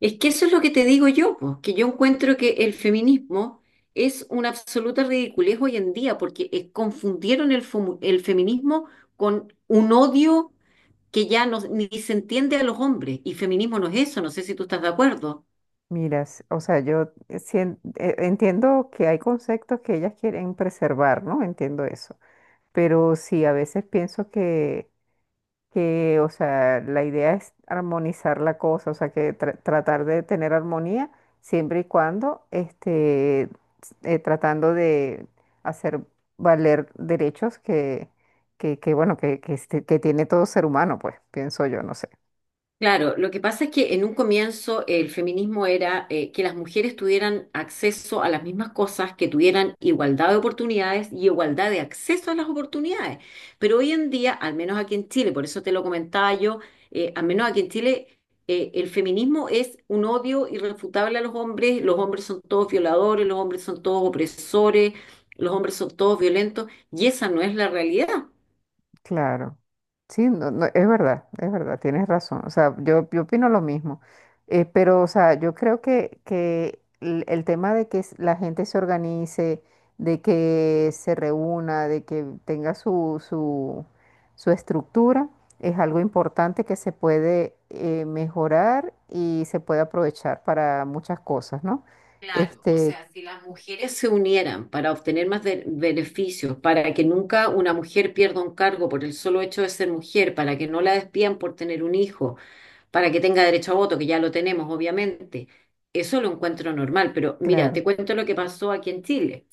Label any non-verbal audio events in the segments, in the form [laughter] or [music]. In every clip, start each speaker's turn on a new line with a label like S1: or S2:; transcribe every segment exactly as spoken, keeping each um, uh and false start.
S1: Es que eso es lo que te digo yo, pues, que yo encuentro que el feminismo es una absoluta ridiculez hoy en día, porque eh, confundieron el, fomu- el feminismo con un odio que ya no, ni se entiende a los hombres, y feminismo no es eso, no sé si tú estás de acuerdo.
S2: Mira, s- o sea, yo sien- eh, entiendo que hay conceptos que ellas quieren preservar, ¿no? Entiendo eso. Pero sí, a veces pienso que, que, o sea, la idea es armonizar la cosa, o sea, que tra- tratar de tener armonía siempre y cuando, este, s- eh, tratando de hacer valer derechos que, que, que, bueno, que, que, este- que tiene todo ser humano, pues, pienso yo, no sé.
S1: Claro, lo que pasa es que en un comienzo el feminismo era eh, que las mujeres tuvieran acceso a las mismas cosas, que tuvieran igualdad de oportunidades y igualdad de acceso a las oportunidades. Pero hoy en día, al menos aquí en Chile, por eso te lo comentaba yo, eh, al menos aquí en Chile, eh, el feminismo es un odio irrefutable a los hombres, los hombres son todos violadores, los hombres son todos opresores, los hombres son todos violentos, y esa no es la realidad.
S2: Claro, sí, no, no, es verdad, es verdad, tienes razón. O sea, yo, yo opino lo mismo. Eh, pero, o sea, yo creo que, que el, el tema de que s- la gente se organice, de que se reúna, de que tenga su, su, su estructura, es algo importante que se puede eh, mejorar y se puede aprovechar para muchas cosas, ¿no?
S1: Claro, o
S2: Este,
S1: sea, si las mujeres se unieran para obtener más de- beneficios, para que nunca una mujer pierda un cargo por el solo hecho de ser mujer, para que no la despidan por tener un hijo, para que tenga derecho a voto, que ya lo tenemos, obviamente, eso lo encuentro normal. Pero mira,
S2: claro,
S1: te cuento lo que pasó aquí en Chile.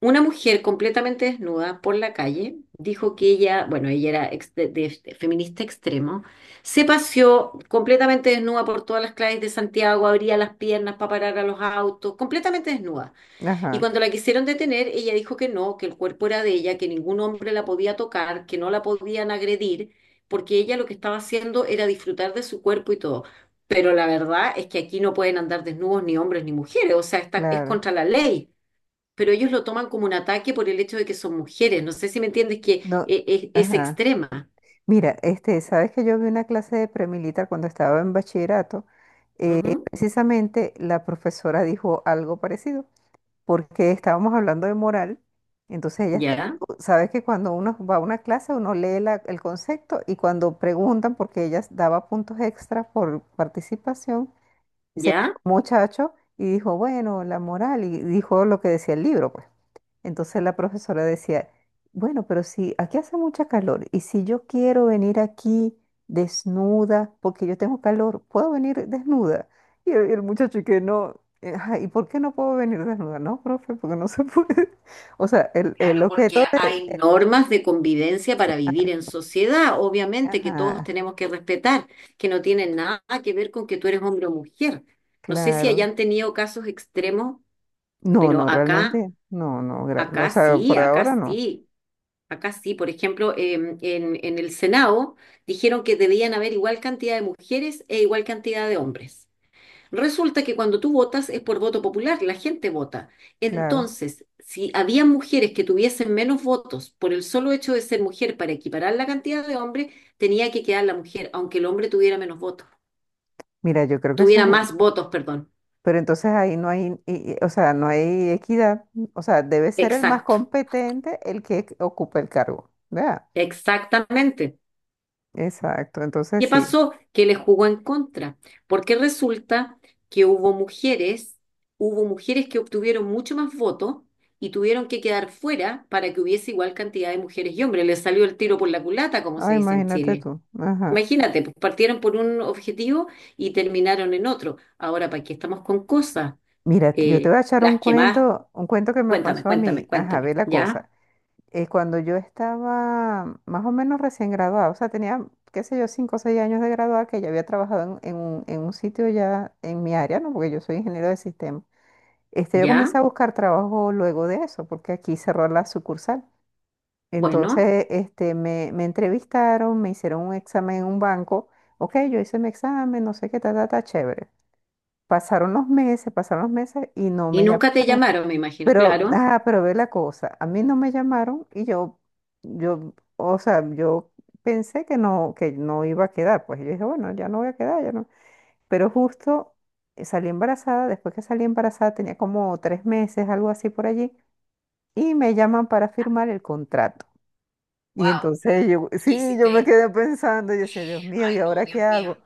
S1: Una mujer completamente desnuda por la calle dijo que ella, bueno, ella era ex- de- de- de feminista extremo, se paseó completamente desnuda por todas las calles de Santiago, abría las piernas para parar a los autos, completamente desnuda. Y
S2: ajá,
S1: cuando la quisieron detener, ella dijo que no, que el cuerpo era de ella, que ningún hombre la podía tocar, que no la podían agredir, porque ella lo que estaba haciendo era disfrutar de su cuerpo y todo. Pero la verdad es que aquí no pueden andar desnudos ni hombres ni mujeres, o sea, está, es
S2: claro.
S1: contra la ley, pero ellos lo toman como un ataque por el hecho de que son mujeres. No sé si me entiendes que
S2: No,
S1: e- e- es,
S2: ajá.
S1: extrema.
S2: Mira, este, sabes que yo vi una clase de premilitar cuando estaba en bachillerato.
S1: Ujú.
S2: Precisamente la profesora dijo algo parecido, porque estábamos hablando de moral. Entonces ella, está-
S1: Ya,
S2: sabes que cuando uno va a una clase, uno lee la- el concepto y cuando preguntan, porque ella daba puntos extra por participación, ese
S1: ya.
S2: muchacho y dijo, bueno, la moral, y dijo lo que decía el libro, pues. Entonces la profesora decía, bueno, pero si aquí hace mucha calor y si yo quiero venir aquí desnuda porque yo tengo calor, ¿puedo venir desnuda? Y el, el muchacho y que no, eh, "Ajá, ¿y por qué no puedo venir desnuda? No, profe, porque no se puede." [laughs] O sea, el, el
S1: Claro, porque
S2: objeto de...
S1: hay normas. Normas de convivencia para vivir en sociedad, obviamente que todos
S2: Ajá,
S1: tenemos que respetar, que no tienen nada que ver con que tú eres hombre o mujer. No sé si
S2: claro.
S1: hayan tenido casos extremos,
S2: No,
S1: pero
S2: no,
S1: acá,
S2: realmente, no, no, gra- o
S1: acá
S2: sea,
S1: sí,
S2: por
S1: acá
S2: ahora no,
S1: sí, acá sí. Por ejemplo, em, en, en el Senado dijeron que debían haber igual cantidad de mujeres e igual cantidad de hombres. Resulta que cuando tú votas es por voto popular, la gente vota.
S2: claro.
S1: Entonces, si había mujeres que tuviesen menos votos por el solo hecho de ser mujer para equiparar la cantidad de hombres, tenía que quedar la mujer, aunque el hombre tuviera menos votos,
S2: Mira, yo creo que
S1: tuviera
S2: eso,
S1: más votos, perdón.
S2: pero entonces ahí no hay, y- y- o sea, no hay equidad. O sea, debe ser el más
S1: Exacto,
S2: competente el que ocupe el cargo. ¿Verdad?
S1: exactamente.
S2: Exacto. Entonces
S1: ¿Qué
S2: sí.
S1: pasó? Que le jugó en contra, porque resulta que hubo mujeres, hubo mujeres que obtuvieron mucho más votos y tuvieron que quedar fuera para que hubiese igual cantidad de mujeres y hombres. Les salió el tiro por la culata, como
S2: Ah,
S1: se dice en
S2: imagínate
S1: Chile.
S2: tú. Ajá.
S1: Imagínate, pues partieron por un objetivo y terminaron en otro. Ahora, ¿para qué estamos con cosas?
S2: Mira, yo te
S1: Eh,
S2: voy a echar un
S1: las que más,
S2: cuento, un cuento que me
S1: cuéntame,
S2: pasó a
S1: cuéntame,
S2: mí. Ajá,
S1: cuéntame.
S2: ve la
S1: ¿Ya?
S2: cosa. Eh, cuando yo estaba más o menos recién graduada, o sea, tenía, qué sé yo, cinco o seis años de graduada, que ya había trabajado en, en un, en un sitio ya en mi área, ¿no? Porque yo soy ingeniero de sistemas. Este, yo
S1: ¿Ya?
S2: comencé a buscar trabajo luego de eso, porque aquí cerró la sucursal.
S1: Bueno,
S2: Entonces, este, me, me entrevistaron, me hicieron un examen en un banco. Ok, yo hice mi examen, no sé qué, ta, ta, ta, chévere. Pasaron los meses, pasaron los meses y no
S1: y
S2: me llamaron.
S1: nunca te llamaron, me imagino,
S2: Pero,
S1: claro.
S2: ah, pero ve la cosa, a mí no me llamaron y yo, yo, o sea, yo pensé que no, que no iba a quedar. Pues yo dije, bueno, ya no voy a quedar, ya no. Pero justo eh, salí embarazada, después que salí embarazada tenía como tres meses, algo así por allí y me llaman para firmar el contrato. Y
S1: Wow,
S2: entonces yo, [laughs]
S1: ¿qué
S2: sí,
S1: hiciste
S2: yo me
S1: ahí?
S2: quedé pensando y decía, Dios mío,
S1: Ay,
S2: ¿y
S1: no,
S2: ahora qué
S1: Dios mío.
S2: hago?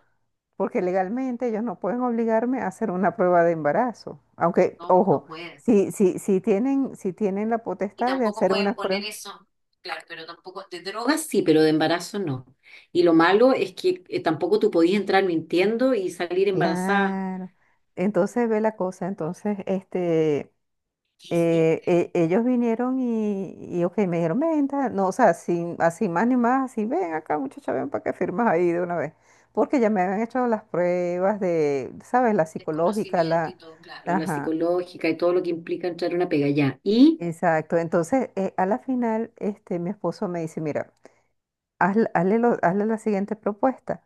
S2: Porque legalmente ellos no pueden obligarme a hacer una prueba de embarazo. Aunque,
S1: No,
S2: ojo,
S1: no pueden.
S2: si, si, si tienen, si tienen la
S1: Y
S2: potestad de
S1: tampoco
S2: hacer
S1: pueden
S2: una
S1: poner
S2: prueba.
S1: eso, claro, pero tampoco, de drogas sí, pero de embarazo no. Y lo malo es que eh, tampoco tú podías entrar mintiendo y salir embarazada.
S2: Claro. Entonces ve la cosa. Entonces, este,
S1: ¿Qué
S2: eh,
S1: hiciste?
S2: e- ellos vinieron y, y, ok, me dijeron, "ven, tal", no, o sea, sin, así más ni más, así, ven acá, muchacha, ven para que firmas ahí de una vez. Porque ya me habían hecho las pruebas de, ¿sabes? La psicológica,
S1: Desconocimiento y
S2: la...
S1: todo, claro. Pero la
S2: Ajá,
S1: psicológica y todo lo que implica entrar a una pega ya. Y
S2: exacto. Entonces, eh, a la final, este, mi esposo me dice, mira, hazle, hazle lo- hazle la siguiente propuesta.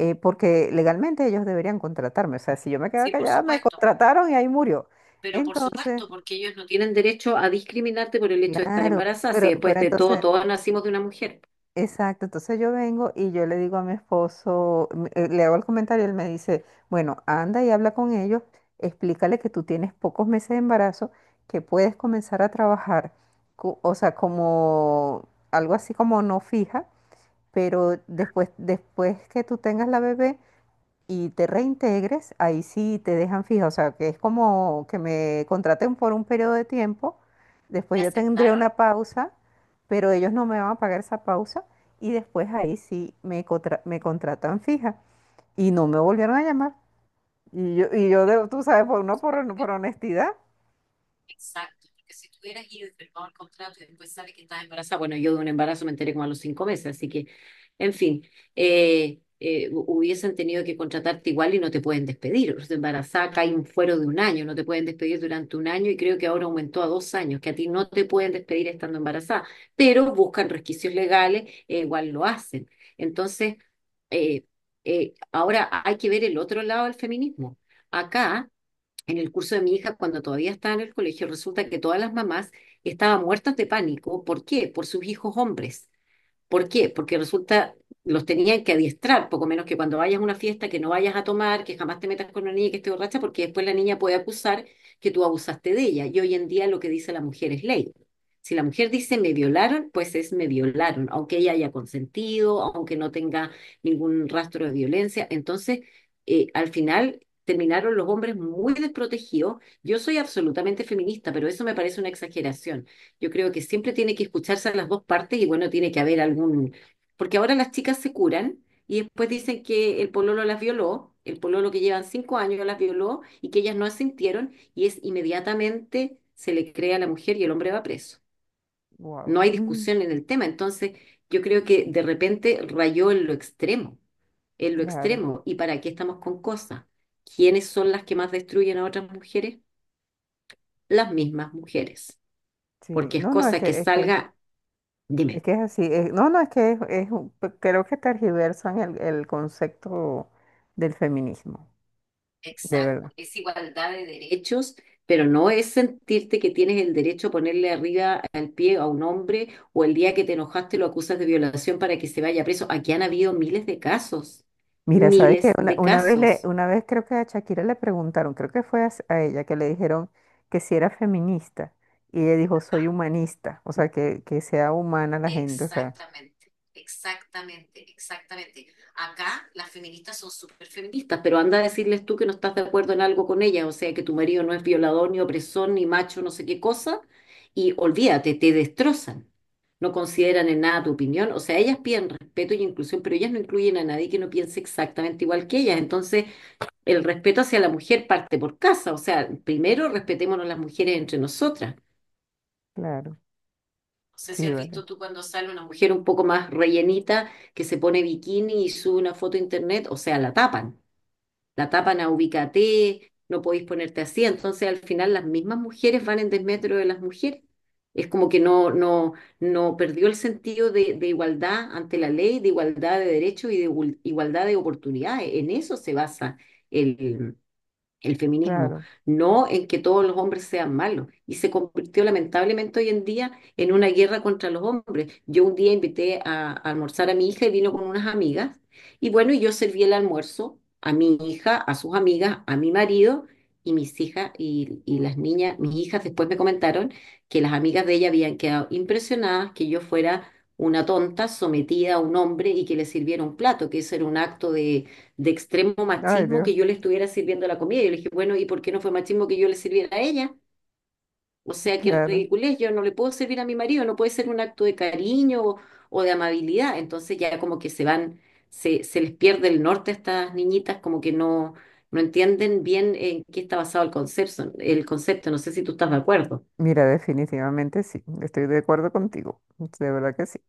S2: Eh, porque legalmente ellos deberían contratarme. O sea, si yo me quedaba
S1: sí, por
S2: callada, me
S1: supuesto,
S2: contrataron y ahí murió.
S1: pero por
S2: Entonces,
S1: supuesto, porque ellos no tienen tienen derecho a discriminarte por el hecho de estar
S2: claro,
S1: embarazada, si
S2: pero,
S1: después
S2: pero
S1: de todo,
S2: entonces...
S1: todos nacimos de una mujer.
S2: Exacto, entonces yo vengo y yo le digo a mi esposo, m- eh, le hago el comentario, él me dice, bueno, anda y habla con ellos, explícale que tú tienes pocos meses de embarazo, que puedes comenzar a trabajar, co- o sea, como algo así como no fija, pero después, después que tú tengas la bebé, y te reintegres, ahí sí te dejan fija, o sea, que es como que me contraten por un periodo de tiempo, después
S1: ¿Le
S2: yo tendré una
S1: aceptaron?
S2: pausa, pero ellos no me van a pagar esa pausa y después ahí sí me, contra- me contratan fija y no me volvieron a llamar. Y yo, y yo de- tú sabes, por, uno por, por honestidad,
S1: Exacto, porque si tú hubieras ido y firmado el contrato y después sale que estás embarazada, bueno, yo de un embarazo me enteré como a los cinco meses, así que, en fin, eh, eh, hu- hubiesen tenido que contratarte igual y no te pueden despedir. O sea, embarazada cae un fuero de un año, no te pueden despedir durante un año y creo que ahora aumentó a dos años, que a ti no te pueden despedir estando embarazada, pero buscan resquicios legales, e igual lo hacen. Entonces, eh, eh, ahora hay que ver el otro lado del feminismo. Acá en el curso de mi hija, cuando todavía estaba en el colegio, resulta que todas las mamás estaban muertas de pánico. ¿Por qué? Por sus hijos hombres. ¿Por qué? Porque resulta, los tenían que adiestrar, poco menos que cuando vayas a una fiesta, que no vayas a tomar, que jamás te metas con una niña que esté borracha, porque después la niña puede acusar que tú abusaste de ella. Y hoy en día lo que dice la mujer es ley. Si la mujer dice me violaron, pues es me violaron, aunque ella haya consentido, aunque no tenga ningún rastro de violencia. Entonces, eh, al final terminaron los hombres muy desprotegidos. Yo soy absolutamente feminista, pero eso me parece una exageración. Yo creo que siempre tiene que escucharse a las dos partes y bueno, tiene que haber algún... Porque ahora las chicas se curan y después dicen que el pololo las violó, el pololo que llevan cinco años las violó y que ellas no asintieron y es inmediatamente se le cree a la mujer y el hombre va preso.
S2: wow.
S1: No hay
S2: Mm.
S1: discusión en el tema, entonces yo creo que de repente rayó en lo extremo,
S2: [laughs]
S1: en lo
S2: Claro,
S1: extremo. ¿Y para qué estamos con cosas? ¿Quiénes son las que más destruyen a otras mujeres? Las mismas mujeres,
S2: sí,
S1: porque es
S2: no, no, es
S1: cosa que
S2: que, es que,
S1: salga,
S2: es
S1: dime.
S2: que es así, es- no, no, es que es, es un, creo que tergiversan el el concepto del feminismo. De
S1: Exacto,
S2: verdad.
S1: es igualdad de derechos, pero no es sentirte que tienes el derecho a ponerle arriba al pie a un hombre o el día que te enojaste lo acusas de violación para que se vaya preso. Aquí han habido miles de casos,
S2: Mira, sabes que
S1: miles
S2: una,
S1: de
S2: una vez le,
S1: casos.
S2: una vez creo que a Shakira le preguntaron, creo que fue a, s- a ella que le dijeron que si era feminista y ella dijo soy humanista, o sea que, que sea humana la gente, o sea,
S1: Exactamente, exactamente, exactamente. Acá las feministas son súper feministas, pero anda a decirles tú que no estás de acuerdo en algo con ellas, o sea, que tu marido no es violador, ni opresor, ni macho, no sé qué cosa, y olvídate, te destrozan. No consideran en nada tu opinión, o sea, ellas piden respeto y inclusión, pero ellas no incluyen a nadie que no piense exactamente igual que ellas. Entonces, el respeto hacia la mujer parte por casa, o sea, primero respetémonos las mujeres entre nosotras.
S2: claro,
S1: No sé si
S2: sí,
S1: has
S2: vale,
S1: visto tú cuando sale una mujer un poco más rellenita que se pone bikini y sube una foto a internet, o sea, la tapan, la tapan a ubícate, no podéis ponerte así. Entonces, al final, las mismas mujeres van en desmetro de las mujeres. Es como que no, no, no perdió el sentido de, de igualdad ante la ley, de igualdad de derechos y de igual- igualdad de oportunidades. En eso se basa el feminismo,
S2: claro,
S1: no en que todos los hombres sean malos. Y se convirtió lamentablemente hoy en día en una guerra contra los hombres. Yo un día invité a, a almorzar a mi hija y vino con unas amigas. Y bueno, y yo serví el almuerzo a mi hija, a sus amigas, a mi marido y mis hijas y, y las niñas, mis hijas después me comentaron que las amigas de ella habían quedado impresionadas que yo fuera una tonta sometida a un hombre y que le sirviera un plato, que eso era un acto de extremo
S2: ay
S1: machismo
S2: Dios,
S1: que yo le estuviera sirviendo la comida. Yo le dije, bueno, ¿y por qué no fue machismo que yo le sirviera a ella? O sea, qué
S2: claro.
S1: ridiculez, yo no le puedo servir a mi marido, no puede ser un acto de cariño o, o de amabilidad. Entonces ya como que se van, se, se les pierde el norte a estas niñitas, como que no, no entienden bien en qué está basado el concepto, el concepto. No sé si tú estás de acuerdo.
S2: Mira, definitivamente sí, estoy de acuerdo contigo, de verdad que sí,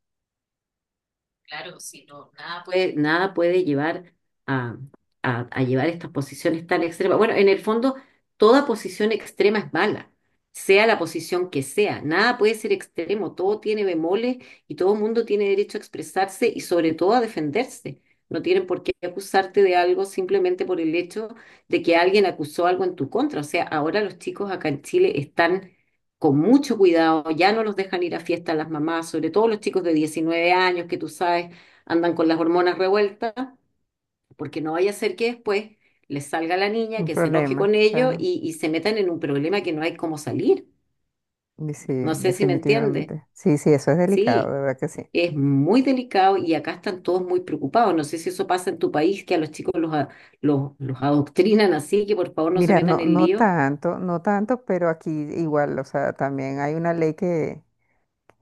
S1: Claro, si no, nada puede, nada puede llevar a, a- a llevar estas posiciones tan extremas. Bueno, en el fondo, toda posición extrema es mala, sea la posición que sea. Nada puede ser extremo, todo tiene bemoles y todo el mundo tiene derecho a expresarse y sobre todo a defenderse. No tienen por qué acusarte de algo simplemente por el hecho de que alguien acusó algo en tu contra. O sea, ahora los chicos acá en Chile están con mucho cuidado, ya no los dejan ir a fiestas las mamás, sobre todo los chicos de diecinueve años que tú sabes andan con las hormonas revueltas, porque no vaya a ser que después les salga la niña,
S2: un
S1: que se enoje
S2: problema,
S1: con ellos
S2: claro,
S1: y, y se metan en un problema que no hay cómo salir.
S2: y sí,
S1: No sé si me entiendes.
S2: definitivamente, sí, sí, eso es delicado,
S1: Sí,
S2: de verdad que sí.
S1: es muy delicado y acá están todos muy preocupados. No sé si eso pasa en tu país, que a los chicos los, a- los, los adoctrinan así, que por favor no se
S2: Mira,
S1: metan
S2: no,
S1: en
S2: no
S1: lío.
S2: tanto, no tanto, pero aquí igual, o sea, también hay una ley que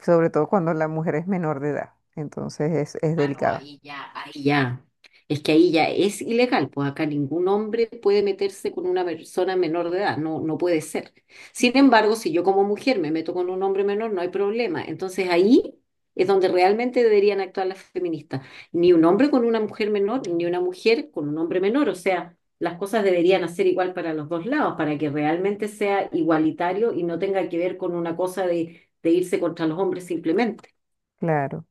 S2: sobre todo cuando la mujer es menor de edad. Entonces es, es
S1: Ah, no,
S2: delicado.
S1: ahí ya, ahí ya. Es que ahí ya es ilegal, pues acá ningún hombre puede meterse con una persona menor de edad, no, no puede ser. Sin embargo, si yo como mujer me meto con un hombre menor, no hay problema. Entonces ahí es donde realmente deberían actuar las feministas. Ni un hombre con una mujer menor, ni una mujer con un hombre menor. O sea, las cosas deberían hacer igual para los dos lados, para que realmente sea igualitario y no tenga que ver con una cosa de, de irse contra los hombres simplemente.
S2: Claro.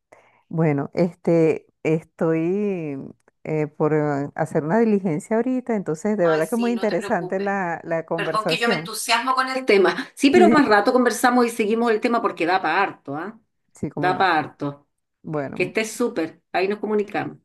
S2: Bueno, este, estoy eh, por eh, hacer una diligencia ahorita, entonces de
S1: Ay,
S2: verdad que muy
S1: sí, no te
S2: interesante
S1: preocupes.
S2: la, la
S1: Perdón que yo me
S2: conversación.
S1: entusiasmo con el tema. Sí, pero
S2: Sí,
S1: más rato conversamos y seguimos el tema porque da para harto, ¿ah?
S2: sí, cómo
S1: Da
S2: no.
S1: para harto. Que
S2: Bueno,
S1: estés súper. Ahí nos comunicamos.